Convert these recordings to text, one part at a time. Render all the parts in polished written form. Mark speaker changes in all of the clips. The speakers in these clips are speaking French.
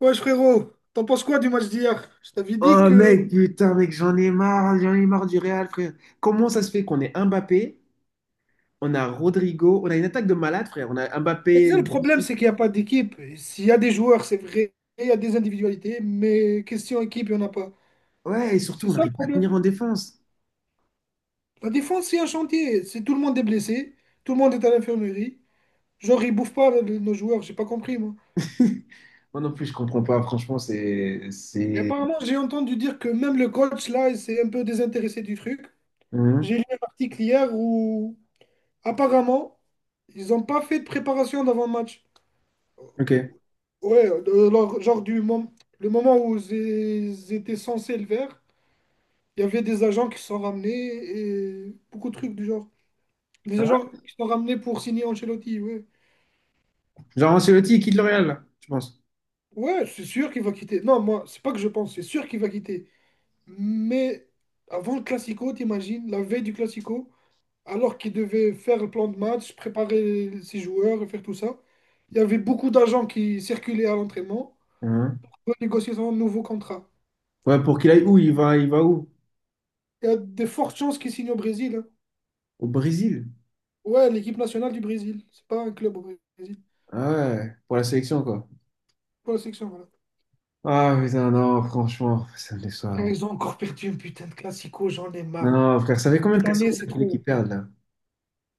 Speaker 1: Ouais, frérot, t'en penses quoi du match d'hier? Je t'avais dit
Speaker 2: Oh
Speaker 1: que.
Speaker 2: mec, putain, mec, j'en ai marre du Real, frère. Comment ça se fait qu'on ait Mbappé, on a Rodrigo, on a une attaque de malade, frère. On a
Speaker 1: Mais
Speaker 2: Mbappé,
Speaker 1: ça, le problème,
Speaker 2: Vinicius.
Speaker 1: c'est qu'il n'y a pas d'équipe. S'il y a des joueurs, c'est vrai, il y a des individualités, mais question équipe, il n'y en a pas.
Speaker 2: Ouais, et surtout,
Speaker 1: C'est
Speaker 2: on
Speaker 1: ça le
Speaker 2: n'arrive pas à
Speaker 1: problème.
Speaker 2: tenir en défense.
Speaker 1: La défense, c'est un chantier. C'est tout le monde est blessé, tout le monde est à l'infirmerie. Genre, ils bouffent pas nos joueurs, j'ai pas compris, moi.
Speaker 2: Moi non plus, je comprends pas. Franchement, c'est,
Speaker 1: Et
Speaker 2: c'est.
Speaker 1: apparemment, j'ai entendu dire que même le coach, là, il s'est un peu désintéressé du truc.
Speaker 2: Hum.
Speaker 1: J'ai lu un article hier où, apparemment, ils n'ont pas fait de préparation d'avant le match.
Speaker 2: Ok.
Speaker 1: Ouais, alors, genre du moment, le moment où j'étais censé le faire, il y avait des agents qui se sont ramenés et beaucoup de trucs du genre. Des
Speaker 2: Hein.
Speaker 1: agents qui se sont ramenés pour signer Ancelotti, ouais.
Speaker 2: Genre Ancelotti, il quitte le Real, là, je pense.
Speaker 1: Ouais, c'est sûr qu'il va quitter. Non, moi, c'est pas que je pense, c'est sûr qu'il va quitter. Mais avant le Classico, t'imagines, la veille du Classico, alors qu'il devait faire le plan de match, préparer ses joueurs, et faire tout ça, il y avait beaucoup d'agents qui circulaient à l'entraînement
Speaker 2: Hein.
Speaker 1: pour négocier son nouveau contrat.
Speaker 2: Ouais, pour qu'il aille où? Il va où?
Speaker 1: Il y a de fortes chances qu'il signe au Brésil, hein.
Speaker 2: Au Brésil.
Speaker 1: Ouais, l'équipe nationale du Brésil. C'est pas un club au Brésil.
Speaker 2: Ah ouais, pour la sélection, quoi.
Speaker 1: Pas la section, voilà.
Speaker 2: Ah putain, non, franchement, ça me
Speaker 1: Là,
Speaker 2: déçoit.
Speaker 1: ils ont encore perdu un putain de classico, j'en ai marre.
Speaker 2: Non, frère, ça fait combien de
Speaker 1: Cette année, c'est
Speaker 2: casse-tête qui
Speaker 1: trop.
Speaker 2: perdent, là?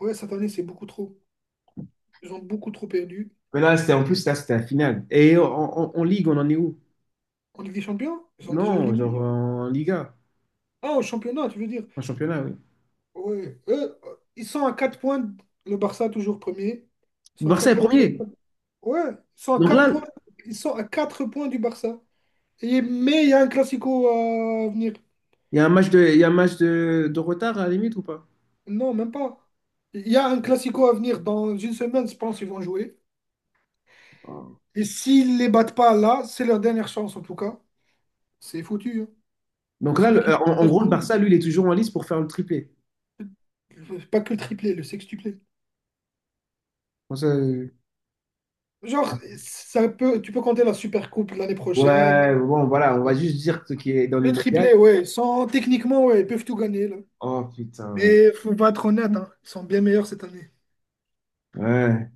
Speaker 1: Ouais, cette année, c'est beaucoup trop. Ils ont beaucoup trop perdu.
Speaker 2: Mais là, c'était en plus, là, c'était la finale. Et en Ligue, on en est où?
Speaker 1: En Ligue des Champions, ils sont déjà
Speaker 2: Non, genre
Speaker 1: éliminés.
Speaker 2: en Liga,
Speaker 1: Ah, au championnat, tu veux dire.
Speaker 2: en championnat, oui.
Speaker 1: Ouais. Eux, ils sont à 4 points. Le Barça, toujours premier. Ils sont à
Speaker 2: Barça
Speaker 1: 4
Speaker 2: est premier.
Speaker 1: points. Ouais, ils sont à
Speaker 2: Donc
Speaker 1: 4
Speaker 2: là,
Speaker 1: points. Ils sont à 4 points du Barça. Mais il y a un classico à venir.
Speaker 2: il y a un match de, il y a un match de retard à la limite ou pas?
Speaker 1: Non, même pas. Il y a un classico à venir. Dans une semaine, je pense qu'ils vont jouer. Et s'ils les battent pas là, c'est leur dernière chance en tout cas. C'est foutu, hein.
Speaker 2: Donc
Speaker 1: C'est
Speaker 2: là,
Speaker 1: une équipe.
Speaker 2: en
Speaker 1: C'est
Speaker 2: gros, le Barça, lui, il est toujours en lice pour faire le triplé.
Speaker 1: Pas que le triplé, le sextuplé.
Speaker 2: Bon, ça,
Speaker 1: Genre, ça peut, tu peux compter la Super Coupe l'année prochaine.
Speaker 2: ouais, bon, voilà, on va
Speaker 1: Ouais.
Speaker 2: juste dire ce qui est dans
Speaker 1: Le
Speaker 2: l'immédiat.
Speaker 1: triplé, ouais. Techniquement, ouais, ils peuvent tout gagner là.
Speaker 2: Oh putain, mec.
Speaker 1: Mais faut pas être honnête, hein, ils sont bien meilleurs cette année.
Speaker 2: Ouais.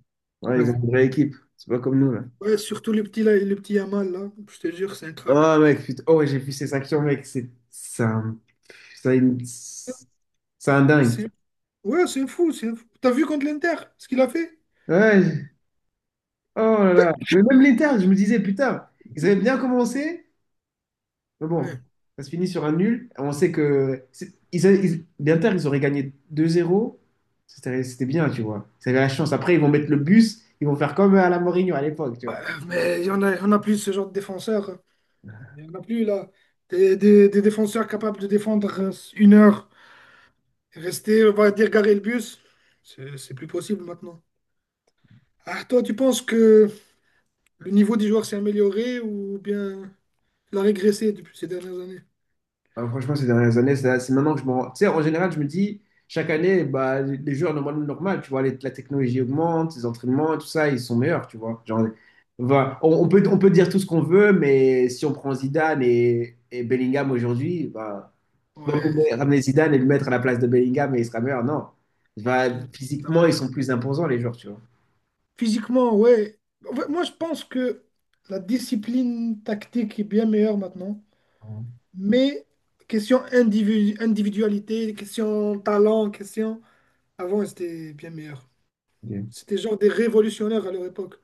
Speaker 2: Ouais, ils ont
Speaker 1: Ouais.
Speaker 2: une vraie équipe. C'est pas comme nous, là.
Speaker 1: Ouais, surtout le petit là, le petit Yamal là. Je te jure, c'est un crack.
Speaker 2: Oh, mec, putain. Oh, ouais, j'ai vu ces actions, mec. C'est un, c'est une- c'est un dingue.
Speaker 1: C'est, ouais, c'est fou, c'est fou. T'as vu contre l'Inter ce qu'il a fait?
Speaker 2: Ouais. Oh là là. Mais même l'Inter, je me disais, putain, ils avaient bien commencé, mais bon,
Speaker 1: Ouais.
Speaker 2: ça se finit sur un nul. On sait que l'Inter, ils auraient gagné 2-0. C'était bien, tu vois. Ils avaient la chance. Après, ils vont mettre le bus, ils vont faire comme à la Mourinho à l'époque, tu
Speaker 1: Ouais,
Speaker 2: vois.
Speaker 1: mais il y en a plus ce genre de défenseurs. Il n'y en a plus là. Des défenseurs capables de défendre 1 heure, rester, on va dire, garer le bus, c'est plus possible maintenant. Ah, toi, tu penses que le niveau des joueurs s'est amélioré ou bien il a régressé depuis ces dernières années?
Speaker 2: Ah, franchement, ces dernières années, c'est maintenant que je me rends. Tu sais, en général, je me dis, chaque année, bah, les joueurs, normal, normal, tu vois, la technologie augmente, les entraînements, tout ça, ils sont meilleurs, tu vois. Genre, voilà. On peut dire tout ce qu'on veut, mais si on prend Zidane et Bellingham aujourd'hui, bah, tu vas
Speaker 1: Ouais,
Speaker 2: pas ramener Zidane et le mettre à la place de Bellingham et il sera meilleur, non. Bah,
Speaker 1: ça va
Speaker 2: physiquement, ils
Speaker 1: être
Speaker 2: sont
Speaker 1: quoi?
Speaker 2: plus imposants, les joueurs, tu vois.
Speaker 1: Physiquement, ouais. En fait, moi, je pense que la discipline tactique est bien meilleure maintenant,
Speaker 2: Ouais.
Speaker 1: mais question individualité, question talent, question. Avant, c'était bien meilleur. C'était genre des révolutionnaires à leur époque.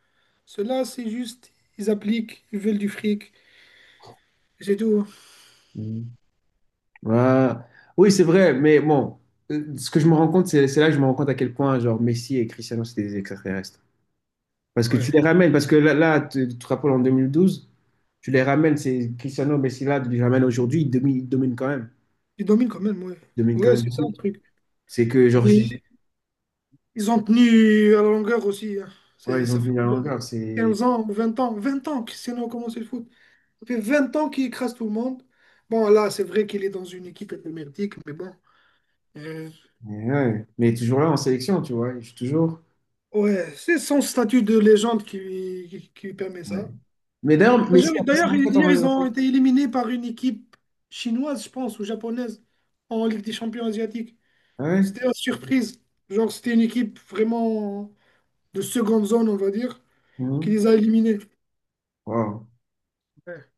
Speaker 1: Ceux-là, c'est juste, ils appliquent, ils veulent du fric,
Speaker 2: Ok.
Speaker 1: et c'est tout.
Speaker 2: Mhm. Ouais. Oui, c'est vrai, mais bon, ce que je me rends compte, c'est là que je me rends compte à quel point genre Messi et Cristiano, c'est des extraterrestres. Parce que tu les
Speaker 1: Ouais.
Speaker 2: ramènes, parce que là, tu te rappelles en 2012, tu les ramènes, c'est Cristiano, Messi là, tu les ramènes aujourd'hui, ils dominent quand même.
Speaker 1: Ils dominent quand même, ouais.
Speaker 2: Ils dominent quand
Speaker 1: Ouais,
Speaker 2: même
Speaker 1: c'est ça le
Speaker 2: beaucoup.
Speaker 1: truc.
Speaker 2: C'est que genre,
Speaker 1: Et ils ont tenu à la longueur aussi, hein.
Speaker 2: ouais, ils ont
Speaker 1: Ça fait
Speaker 2: tenu la
Speaker 1: combien,
Speaker 2: longueur, c'est...
Speaker 1: 15 ans, 20 ans, 20 ans que Cristiano a commencé le foot. Ça fait 20 ans qu'il écrase tout le monde. Bon, là, c'est vrai qu'il est dans une équipe émerdique, mais bon. Euh,
Speaker 2: Mais, ouais. Mais toujours là en sélection, tu vois, je suis toujours...
Speaker 1: ouais, c'est son statut de légende qui lui permet
Speaker 2: Ouais.
Speaker 1: ça.
Speaker 2: Mais d'ailleurs,
Speaker 1: Parce
Speaker 2: Messi
Speaker 1: que
Speaker 2: a fait sa
Speaker 1: d'ailleurs,
Speaker 2: retraite en
Speaker 1: hier, ils
Speaker 2: en
Speaker 1: ont été éliminés par une équipe chinoise, je pense, ou japonaise, en Ligue des Champions asiatiques.
Speaker 2: Ah ouais.
Speaker 1: C'était la surprise. Genre, c'était une équipe vraiment de seconde zone, on va dire, qui
Speaker 2: Mhm.
Speaker 1: les a éliminés.
Speaker 2: Wow.
Speaker 1: Ouais.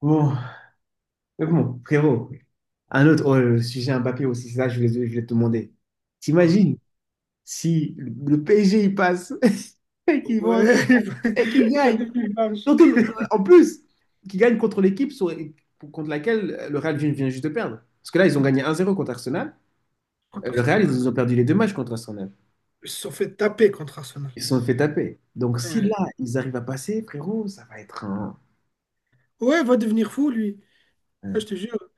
Speaker 2: Bon. Mais bon, frérot, un autre oh, le sujet Mbappé aussi, ça, je voulais te demander.
Speaker 1: Ouais.
Speaker 2: T'imagines si le PSG il passe et qu'ils
Speaker 1: Pas
Speaker 2: vont et qu'ils
Speaker 1: va
Speaker 2: gagnent.
Speaker 1: devenir large.
Speaker 2: Surtout, en plus, qu'ils gagnent contre l'équipe contre laquelle le Real vient juste de perdre. Parce que là, ils ont gagné 1-0 contre Arsenal.
Speaker 1: Contre
Speaker 2: Le
Speaker 1: Arsenal,
Speaker 2: Real,
Speaker 1: ouais.
Speaker 2: ils ont perdu les deux matchs contre Arsenal.
Speaker 1: Ils se sont fait taper contre Arsenal.
Speaker 2: Ils se sont fait taper. Donc si
Speaker 1: Ouais.
Speaker 2: là, ils arrivent à passer, frérot, ça va être
Speaker 1: Ouais, va devenir fou, lui. Ah,
Speaker 2: un-
Speaker 1: je te jure.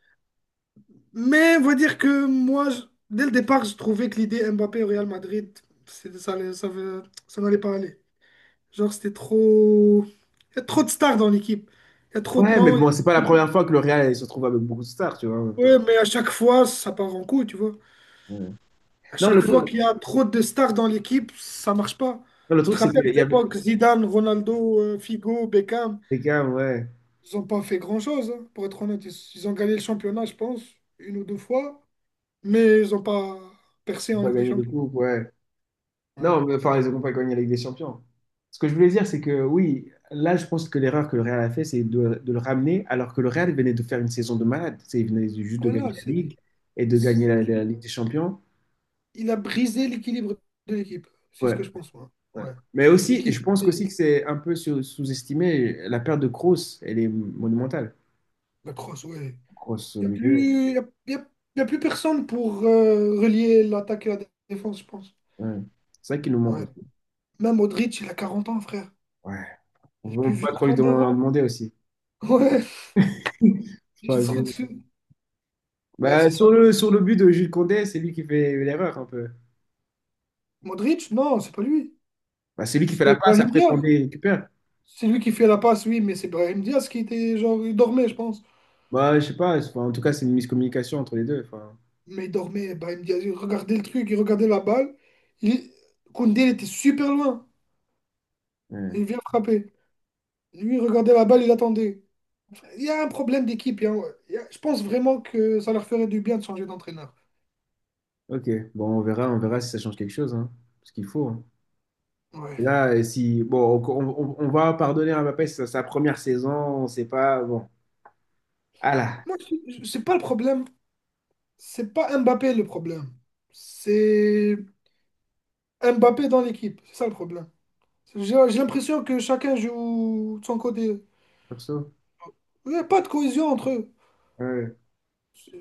Speaker 1: Mais on va dire que moi, dès le départ, je trouvais que l'idée Mbappé au Real Madrid, c'est- ça, allait- ça, veut- ça n'allait pas aller. Genre, c'était trop. Il y a trop de stars dans l'équipe. Il y a trop de
Speaker 2: Ouais, mais
Speaker 1: noms. Il y
Speaker 2: bon, c'est pas la
Speaker 1: a trop de-
Speaker 2: première fois que le Real se retrouve avec beaucoup de stars, tu vois, en même temps.
Speaker 1: Ouais, mais à chaque fois, ça part en couille, tu vois.
Speaker 2: Ouais.
Speaker 1: À
Speaker 2: Non,
Speaker 1: chaque fois qu'il y a trop de stars dans l'équipe, ça marche pas.
Speaker 2: non, le
Speaker 1: Tu te
Speaker 2: truc, c'est
Speaker 1: rappelles
Speaker 2: qu'il
Speaker 1: de
Speaker 2: y avait.
Speaker 1: l'époque, Zidane, Ronaldo, Figo, Beckham,
Speaker 2: Les Cavs, ouais.
Speaker 1: ils ont pas fait grand-chose, hein, pour être honnête. Ils ont gagné le championnat, je pense, une ou deux fois, mais ils ont pas percé
Speaker 2: Ils ont
Speaker 1: en
Speaker 2: pas
Speaker 1: Ligue des
Speaker 2: gagné de
Speaker 1: Champions.
Speaker 2: coupe, ouais.
Speaker 1: Ouais.
Speaker 2: Non, mais enfin, ils n'ont pas gagné la Ligue des Champions. Ce que je voulais dire, c'est que oui, là, je pense que l'erreur que le Real a fait, c'est de le ramener, alors que le Real venait de faire une saison de malade. Il venait juste de
Speaker 1: Voilà,
Speaker 2: gagner la
Speaker 1: c'est-
Speaker 2: Ligue et de gagner
Speaker 1: il,
Speaker 2: la Ligue des Champions.
Speaker 1: il a brisé l'équilibre de l'équipe. C'est ce
Speaker 2: Ouais,
Speaker 1: que je pense, moi.
Speaker 2: ouais.
Speaker 1: Ouais.
Speaker 2: Mais aussi, et
Speaker 1: L'équipe,
Speaker 2: je pense
Speaker 1: c'est-
Speaker 2: qu'aussi que c'est un peu sous-estimé, la perte de Kroos, elle est monumentale.
Speaker 1: la crosse, ouais.
Speaker 2: Kroos au
Speaker 1: Il n'y a
Speaker 2: milieu,
Speaker 1: plus, y a plus personne pour relier l'attaque et la défense, je pense.
Speaker 2: ouais. C'est ça qui nous manque
Speaker 1: Ouais.
Speaker 2: aussi.
Speaker 1: Même Modric, il a 40 ans, frère.
Speaker 2: Ouais. On
Speaker 1: Il est
Speaker 2: ne
Speaker 1: plus
Speaker 2: peut
Speaker 1: vieux
Speaker 2: pas
Speaker 1: que
Speaker 2: trop lui
Speaker 1: 32
Speaker 2: demander en
Speaker 1: ans.
Speaker 2: demander aussi.
Speaker 1: Ouais, il se trouve
Speaker 2: Enfin,
Speaker 1: dessus. Ouais,
Speaker 2: bah,
Speaker 1: c'est ça.
Speaker 2: sur le but de Jules Condé, c'est lui qui fait l'erreur un peu.
Speaker 1: Modric, non, c'est pas lui.
Speaker 2: Bah, c'est lui qui fait
Speaker 1: C'est
Speaker 2: la passe,
Speaker 1: Brahim
Speaker 2: après
Speaker 1: Diaz.
Speaker 2: Condé récupère.
Speaker 1: C'est lui qui fait la passe, oui, mais c'est Brahim Diaz qui était genre, il dormait, je pense.
Speaker 2: Bah, je sais pas, enfin, en tout cas, c'est une miscommunication entre les deux. Enfin,
Speaker 1: Mais il dormait, Brahim Diaz, il regardait le truc, il regardait la balle. Il. Koundé, il était super loin.
Speaker 2: ouais.
Speaker 1: Il vient frapper. Lui, il regardait la balle, il attendait. Il y a un problème d'équipe. Je pense vraiment que ça leur ferait du bien de changer d'entraîneur.
Speaker 2: Ok, bon, on verra si ça change quelque chose, hein. Parce qu'il faut, hein.
Speaker 1: Ouais.
Speaker 2: Et là, si, bon, on va pardonner à Mbappé, c'est sa première saison, on sait pas, bon. Ah là,
Speaker 1: Moi, c'est pas le problème. C'est pas Mbappé le problème. C'est Mbappé dans l'équipe. C'est ça le problème. J'ai l'impression que chacun joue de son côté.
Speaker 2: perso,
Speaker 1: Il n'y a pas de cohésion entre eux.
Speaker 2: ouais,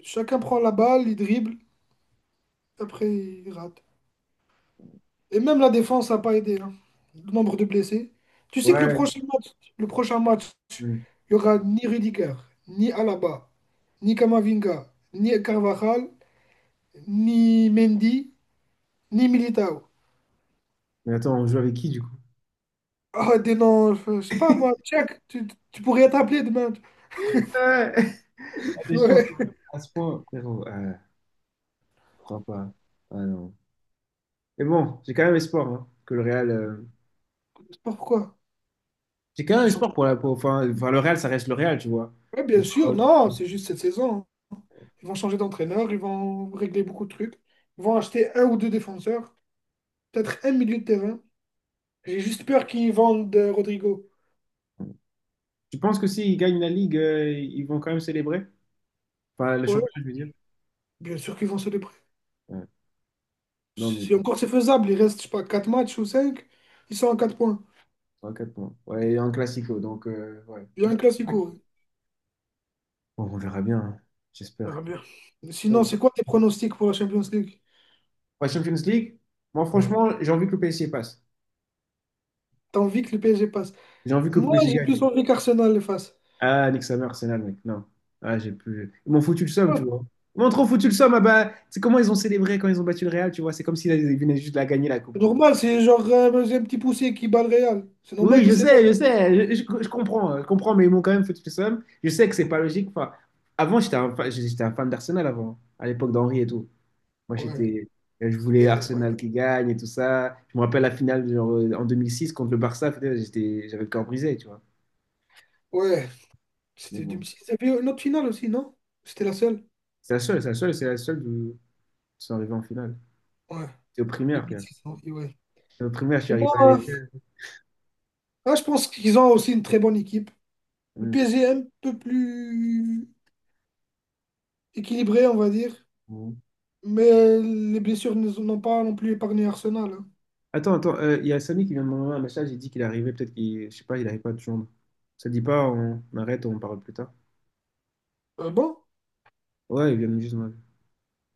Speaker 1: Chacun prend la balle, il dribble, après il rate. Et même la défense n'a pas aidé, hein. Le nombre de blessés. Tu sais que
Speaker 2: ouais.
Speaker 1: le prochain match,
Speaker 2: Hmm.
Speaker 1: il y aura ni Rudiger, ni Alaba, ni Kamavinga, ni Carvajal, ni Mendy, ni Militao.
Speaker 2: Mais attends, on joue avec qui du coup?
Speaker 1: Ah, des noms, je sais pas moi, Tchèque, tu pourrais être appelé demain.
Speaker 2: Ouais, a des chances,
Speaker 1: Ouais,
Speaker 2: hein. À ce point, frérot, je crois pas. Ah non. Mais bon, j'ai quand même espoir, hein, que le Real.
Speaker 1: je sais pas pourquoi?
Speaker 2: C'est quand même
Speaker 1: Le
Speaker 2: un sport
Speaker 1: champion-
Speaker 2: pour enfin, le Real, ça reste le Real, tu vois.
Speaker 1: Ouais, bien
Speaker 2: Donc,
Speaker 1: sûr, non, c'est juste cette saison, hein. Ils vont changer d'entraîneur, ils vont régler beaucoup de trucs. Ils vont acheter un ou deux défenseurs, peut-être un milieu de terrain. J'ai juste peur qu'ils vendent Rodrigo.
Speaker 2: tu penses que s'ils gagnent la Ligue, ils vont quand même célébrer? Enfin, le
Speaker 1: Ouais,
Speaker 2: championnat, je veux dire.
Speaker 1: bien sûr qu'ils vont célébrer.
Speaker 2: Ouais. Non, mais
Speaker 1: Si encore c'est faisable, il reste, je sais pas, 4 matchs ou 5. Ils sont à 4 points.
Speaker 2: trois quatre points. Ouais, et un classico, donc ouais.
Speaker 1: Il y a un classico.
Speaker 2: Bon, on verra bien, hein.
Speaker 1: On
Speaker 2: J'espère.
Speaker 1: verra bien. Sinon,
Speaker 2: Bon.
Speaker 1: c'est quoi tes pronostics pour la Champions League?
Speaker 2: Ouais, Champions League, moi
Speaker 1: Ouais.
Speaker 2: franchement, j'ai envie que le PSG passe.
Speaker 1: T'as envie que le PSG passe?
Speaker 2: J'ai envie que le
Speaker 1: Moi,
Speaker 2: PSG
Speaker 1: j'ai
Speaker 2: gagne.
Speaker 1: plus envie qu'Arsenal le fasse.
Speaker 2: Ah, nique sa mère, Arsenal, mec. Non. Ah, j'ai plus. Ils m'ont foutu le somme, tu
Speaker 1: Ouais.
Speaker 2: vois. Ils m'ont trop foutu le somme. Ah bah, c'est comment ils ont célébré quand ils ont battu le Real, tu vois. C'est comme s'ils venaient juste de la gagner la coupe,
Speaker 1: C'est
Speaker 2: tu vois.
Speaker 1: normal, c'est genre c'est un petit poussé qui bat le Real. C'est
Speaker 2: Oui,
Speaker 1: normal
Speaker 2: je
Speaker 1: qu'il s'élève.
Speaker 2: sais, je sais, je comprends, je comprends, mais ils m'ont quand même fait le seum. Je sais que c'est pas logique. Enfin, avant, j'étais un fan d'Arsenal avant, à l'époque d'Henri et tout. Moi,
Speaker 1: Ouais,
Speaker 2: je
Speaker 1: ça
Speaker 2: voulais
Speaker 1: fait un bail
Speaker 2: Arsenal
Speaker 1: là.
Speaker 2: qui gagne et tout ça. Je me rappelle la finale genre, en 2006 contre le Barça. Putain, j'avais le cœur brisé, tu vois.
Speaker 1: Ouais,
Speaker 2: Mais
Speaker 1: c'était
Speaker 2: bon,
Speaker 1: 2006. Il y avait une autre finale aussi, non? C'était la seule?
Speaker 2: c'est la seule de sont arrivés en finale.
Speaker 1: Ouais,
Speaker 2: J'étais au
Speaker 1: Deux
Speaker 2: primaire,
Speaker 1: mille
Speaker 2: frère.
Speaker 1: six oui, ouais.
Speaker 2: J'étais au primaire, je suis
Speaker 1: Et bon,
Speaker 2: arrivé
Speaker 1: hein.
Speaker 2: avec eux.
Speaker 1: Ah, je pense qu'ils ont aussi une très bonne équipe. Le
Speaker 2: Mm.
Speaker 1: PSG est un peu plus équilibré, on va dire,
Speaker 2: Mm.
Speaker 1: mais les blessures n'ont pas non plus épargné Arsenal, hein.
Speaker 2: Attends, attends, il y a Samy qui vient de m'envoyer un message. Il dit qu'il est arrivé, peut-être qu'il, je sais pas, il n'arrive pas de joindre. Ça te dit pas, on arrête, on parle plus tard.
Speaker 1: Bon,
Speaker 2: Ouais, il vient de juste m'appeler.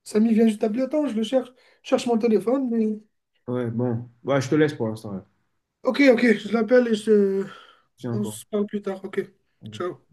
Speaker 1: Samy vient juste d'appeler. Attends, je le cherche. Je cherche mon téléphone,
Speaker 2: Ouais, bon. Ouais, je te laisse pour l'instant, là.
Speaker 1: ok, ok, je l'appelle et je.
Speaker 2: Tiens
Speaker 1: On
Speaker 2: encore.
Speaker 1: se parle plus tard. Ok,
Speaker 2: Ok.
Speaker 1: ciao.